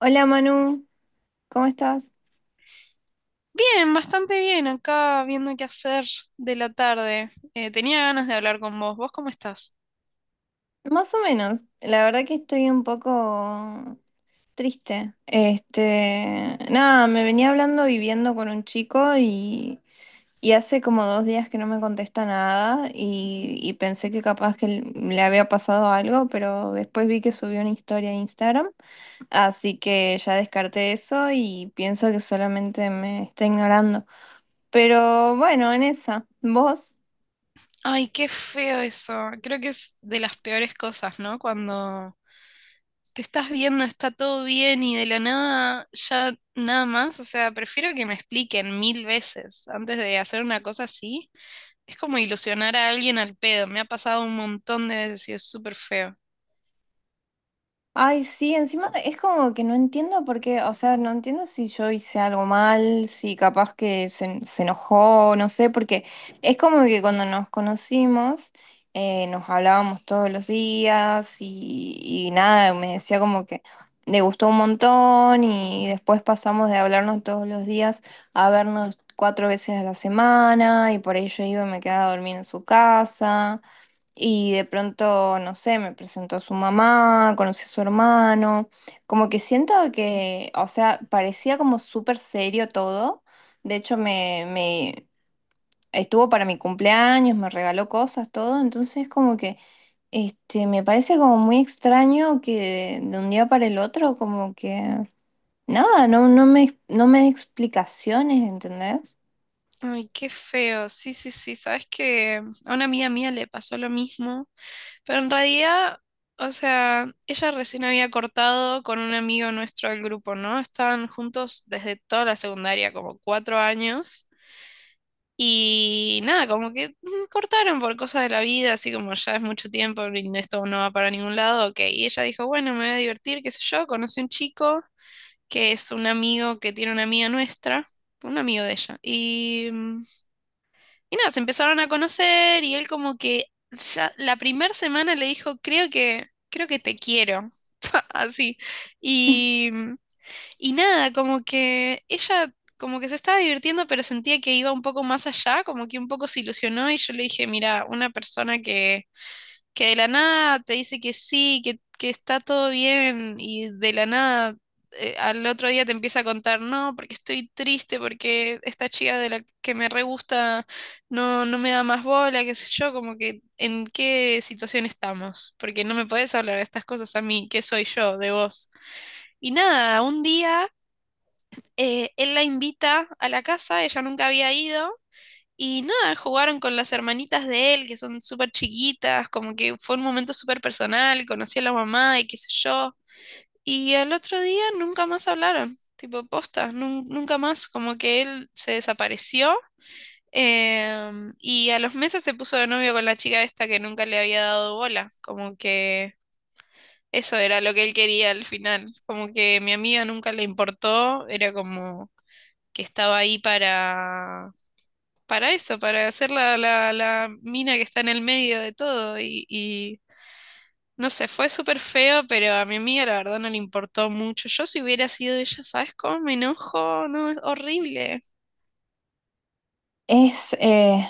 Hola Manu, ¿cómo estás? Bien, bastante bien, acá viendo qué hacer de la tarde. Tenía ganas de hablar con vos. ¿Vos cómo estás? Más o menos, la verdad que estoy un poco triste. Nada, me venía hablando viviendo con un chico y hace como dos días que no me contesta nada y pensé que capaz que le había pasado algo, pero después vi que subió una historia a Instagram, así que ya descarté eso y pienso que solamente me está ignorando. Pero bueno, en esa, ¿vos? Ay, qué feo eso. Creo que es de las peores cosas, ¿no? Cuando te estás viendo, está todo bien y de la nada ya nada más. O sea, prefiero que me expliquen mil veces antes de hacer una cosa así. Es como ilusionar a alguien al pedo. Me ha pasado un montón de veces y es súper feo. Ay, sí, encima es como que no entiendo por qué, o sea, no entiendo si yo hice algo mal, si capaz que se enojó, no sé, porque es como que cuando nos conocimos nos hablábamos todos los días y nada, me decía como que le gustó un montón y después pasamos de hablarnos todos los días a vernos cuatro veces a la semana y por ello iba y me quedaba a dormir en su casa. Y de pronto, no sé, me presentó a su mamá, conocí a su hermano, como que siento que, o sea, parecía como súper serio todo. De hecho, me estuvo para mi cumpleaños, me regaló cosas, todo. Entonces, como que, me parece como muy extraño que de, un día para el otro, como que, nada, no, no me da explicaciones, ¿entendés? Ay, qué feo. Sí, sí, sí. Sabes que a una amiga mía le pasó lo mismo, pero en realidad, o sea, ella recién había cortado con un amigo nuestro del grupo, ¿no? Estaban juntos desde toda la secundaria, como cuatro años. Y nada, como que cortaron por cosas de la vida, así como ya es mucho tiempo y esto no va para ningún lado, ok. Y ella dijo, bueno, me voy a divertir, qué sé yo, conoce un chico que es un amigo que tiene una amiga nuestra, un amigo de ella. Y nada, se empezaron a conocer y él como que ya la primera semana le dijo, creo que te quiero, así. Y, mm, y nada, como que ella como que se estaba divirtiendo, pero sentía que iba un poco más allá, como que un poco se ilusionó y yo le dije, mira, una persona que de la nada te dice que sí, que está todo bien y de la nada al otro día te empieza a contar, no, porque estoy triste, porque esta chica de la que me re gusta no me da más bola, qué sé yo, como que en qué situación estamos, porque no me podés hablar de estas cosas a mí, que soy yo, de vos. Y nada, un día... Él la invita a la casa, ella nunca había ido. Y nada, jugaron con las hermanitas de él, que son súper chiquitas, como que fue un momento súper personal, conocí a la mamá y qué sé yo. Y al otro día nunca más hablaron, tipo posta, nunca más, como que él se desapareció. Y a los meses se puso de novio con la chica esta que nunca le había dado bola, como que eso era lo que él quería al final, como que mi amiga nunca le importó, era como que estaba ahí para eso, para hacer la mina que está en el medio de todo. Y no sé, fue súper feo, pero a mi amiga la verdad no le importó mucho. Yo si hubiera sido ella, ¿sabes cómo me enojo? No, es horrible. Es,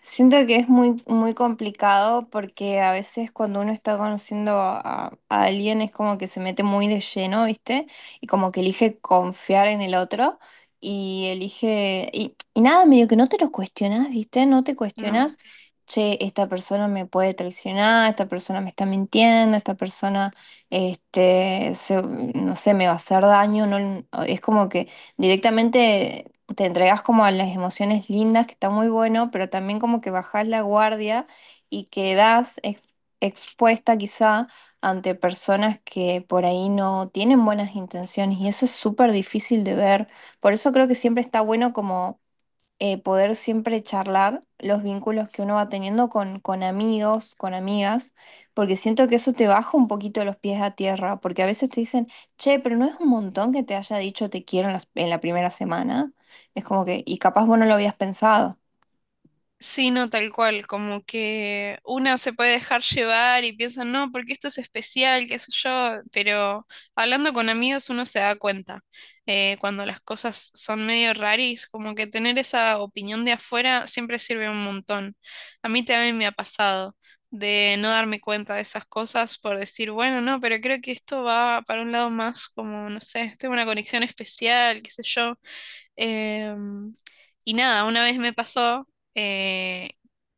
siento que es muy complicado porque a veces cuando uno está conociendo a alguien es como que se mete muy de lleno, ¿viste? Y como que elige confiar en el otro y elige, y nada, medio que no te lo cuestionas, ¿viste? No te No. cuestionas, che, esta persona me puede traicionar, esta persona me está mintiendo, esta persona, no sé, me va a hacer daño, no, es como que directamente te entregas como a las emociones lindas, que está muy bueno, pero también como que bajás la guardia y expuesta quizá ante personas que por ahí no tienen buenas intenciones y eso es súper difícil de ver. Por eso creo que siempre está bueno como poder siempre charlar los vínculos que uno va teniendo con amigos, con amigas, porque siento que eso te baja un poquito los pies a tierra, porque a veces te dicen, che, pero no es un montón que te haya dicho te quiero en la primera semana. Es como que, y capaz vos no lo habías pensado. Sí, no, tal cual, como que una se puede dejar llevar y piensa, no, porque esto es especial, qué sé yo, pero hablando con amigos uno se da cuenta cuando las cosas son medio raris, como que tener esa opinión de afuera siempre sirve un montón. A mí también me ha pasado de no darme cuenta de esas cosas por decir, bueno, no, pero creo que esto va para un lado más como, no sé, tengo una conexión especial, qué sé yo. Em, y nada, una vez me pasó eh,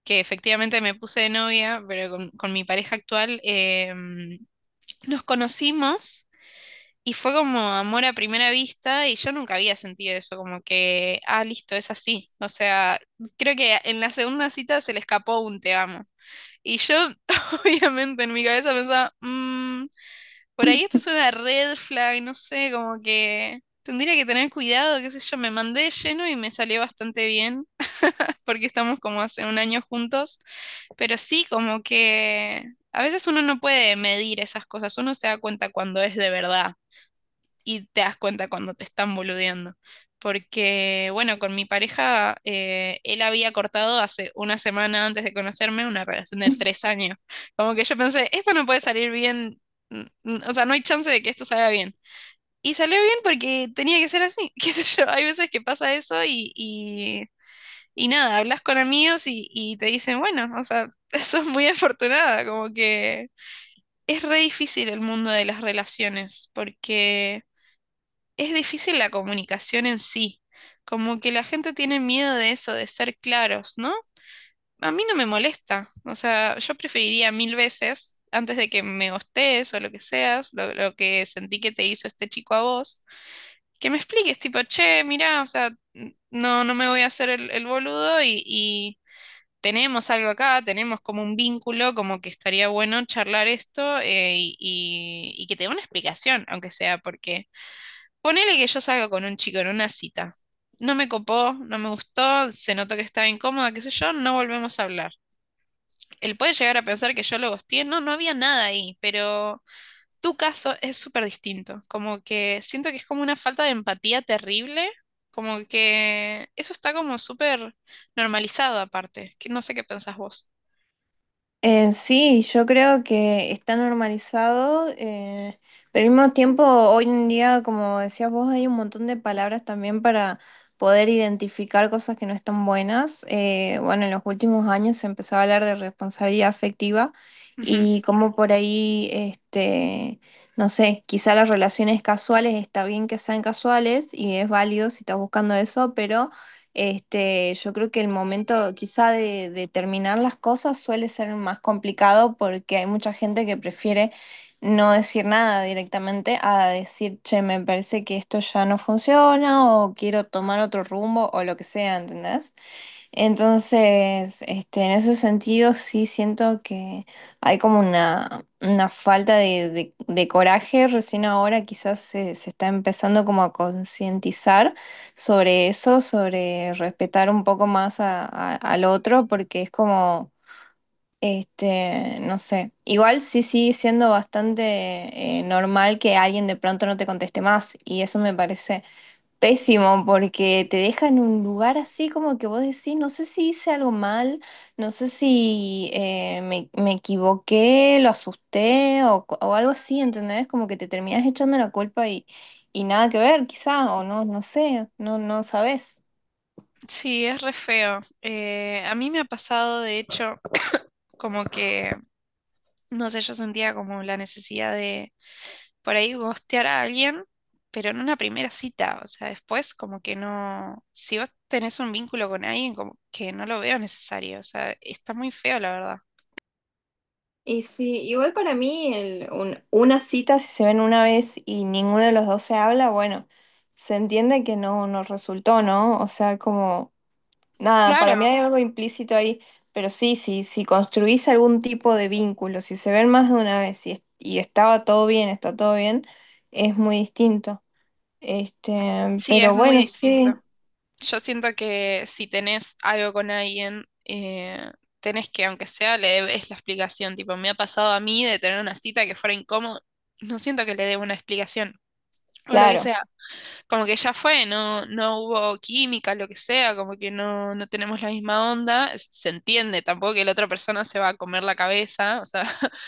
que efectivamente me puse de novia, pero con mi pareja actual em, nos conocimos y fue como amor a primera vista y yo nunca había sentido eso, como que, ah, listo, es así. O sea, creo que en la segunda cita se le escapó un te amo. Y yo obviamente en mi cabeza pensaba, por ahí esto es una red flag, no sé, como que tendría que tener cuidado, qué sé yo, me mandé lleno y me salió bastante bien, porque estamos como hace un año juntos, pero sí, como que a veces uno no puede medir esas cosas, uno se da cuenta cuando es de verdad y te das cuenta cuando te están boludeando. Porque, bueno, con mi pareja, él había cortado hace una semana antes de conocerme una relación de tres años. Como que yo pensé, esto no puede salir bien, o sea, no hay chance de que esto salga bien. Y salió bien porque tenía que ser así, qué sé yo, hay veces que pasa eso y nada, hablas con amigos y te dicen, bueno, o sea, sos muy afortunada, como que es re difícil el mundo de las relaciones, porque es difícil la comunicación en sí. Como que la gente tiene miedo de eso, de ser claros, ¿no? A mí no me molesta. O sea, yo preferiría mil veces, antes de que me gostes o lo que seas, lo que sentí que te hizo este chico a vos, que me expliques, tipo, che, mirá, o sea, no, no me voy a hacer el boludo y tenemos algo acá, tenemos como un vínculo, como que estaría bueno charlar esto y que te dé una explicación, aunque sea porque ponele que yo salgo con un chico en una cita. No me copó, no me gustó, se notó que estaba incómoda, qué sé yo, no volvemos a hablar. Él puede llegar a pensar que yo lo ghosteé, no había nada ahí, pero tu caso es súper distinto. Como que siento que es como una falta de empatía terrible, como que eso está como súper normalizado aparte, que no sé qué pensás vos. Sí, yo creo que está normalizado, pero al mismo tiempo, hoy en día, como decías vos, hay un montón de palabras también para poder identificar cosas que no están buenas. Bueno, en los últimos años se empezó a hablar de responsabilidad afectiva Ujú. y como por ahí, no sé, quizá las relaciones casuales está bien que sean casuales y es válido si estás buscando eso, pero yo creo que el momento quizá de terminar las cosas suele ser más complicado porque hay mucha gente que prefiere no decir nada directamente a decir, che, me parece que esto ya no funciona o quiero tomar otro rumbo o lo que sea, ¿entendés? Entonces, en ese sentido sí siento que hay como una falta de, de coraje. Recién ahora quizás se está empezando como a concientizar sobre eso, sobre respetar un poco más al otro, porque es como, no sé, igual sí sigue siendo bastante normal que alguien de pronto no te conteste más y eso me parece pésimo, porque te deja en un lugar así como que vos decís, no sé si hice algo mal, no sé si me equivoqué, lo asusté o algo así, ¿entendés? Como que te terminás echando la culpa y nada que ver, quizá, o no, no sé, no, no sabés. Sí, es re feo. A mí me ha pasado, de hecho, como que, no sé, yo sentía como la necesidad de por ahí ghostear a alguien, pero en una primera cita, o sea, después como que no, si vos tenés un vínculo con alguien, como que no lo veo necesario, o sea, está muy feo, la verdad. Y sí, igual para mí una cita, si se ven una vez y ninguno de los dos se habla, bueno, se entiende que no, no resultó, ¿no? O sea, como... nada, para mí Claro, hay algo implícito ahí, pero sí, sí, si construís algún tipo de vínculo, si se ven más de una vez y estaba todo bien, está todo bien, es muy distinto. Sí, Pero es muy bueno, distinto. sí, Yo siento que si tenés algo con alguien, tenés que, aunque sea, le debes la explicación. Tipo, me ha pasado a mí de tener una cita que fuera incómodo, no siento que le deba una explicación o lo que claro. sea. Como que ya fue, no, no hubo química, lo que sea, como que no, no tenemos la misma onda, se entiende, tampoco que la otra persona se va a comer la cabeza, o sea,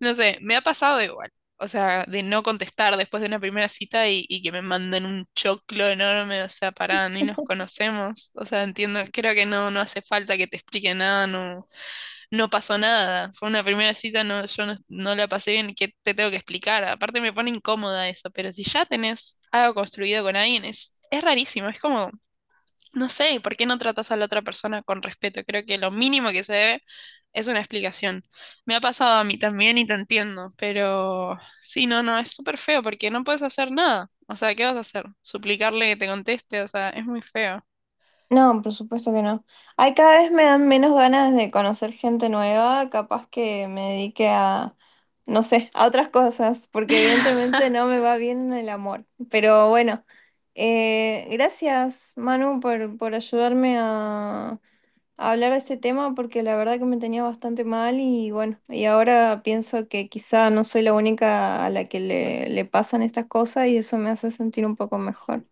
no sé, me ha pasado igual, o sea, de no contestar después de una primera cita y que me manden un choclo enorme, o sea, pará, ni nos conocemos, o sea, entiendo, creo que no hace falta que te explique nada, no pasó nada. Fue una primera cita, no, yo no, no la pasé bien, ¿qué te tengo que explicar? Aparte me pone incómoda eso, pero si ya tenés algo construido con alguien, es rarísimo, es como, no sé, ¿por qué no tratas a la otra persona con respeto? Creo que lo mínimo que se debe es una explicación. Me ha pasado a mí también y lo entiendo, pero sí, no, no, es súper feo porque no puedes hacer nada. O sea, ¿qué vas a hacer? ¿Suplicarle que te conteste? O sea, es muy feo. No, por supuesto que no. Ay, cada vez me dan menos ganas de conocer gente nueva, capaz que me dedique a, no sé, a otras cosas, porque evidentemente no me va bien el amor. Pero bueno, gracias, Manu, por ayudarme a hablar de este tema porque la verdad que me tenía bastante mal y bueno, y ahora pienso que quizá no soy la única a la que le pasan estas cosas y eso me hace sentir un poco mejor.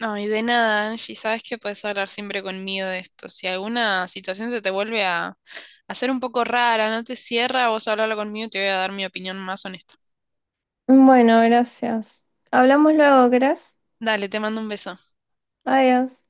Ay, de nada, Angie, sabes que puedes hablar siempre conmigo de esto. Si alguna situación se te vuelve a hacer un poco rara, no te cierra, vos hablalo conmigo y te voy a dar mi opinión más honesta. Bueno, gracias. Hablamos luego, ¿querés? Dale, te mando un beso. Adiós.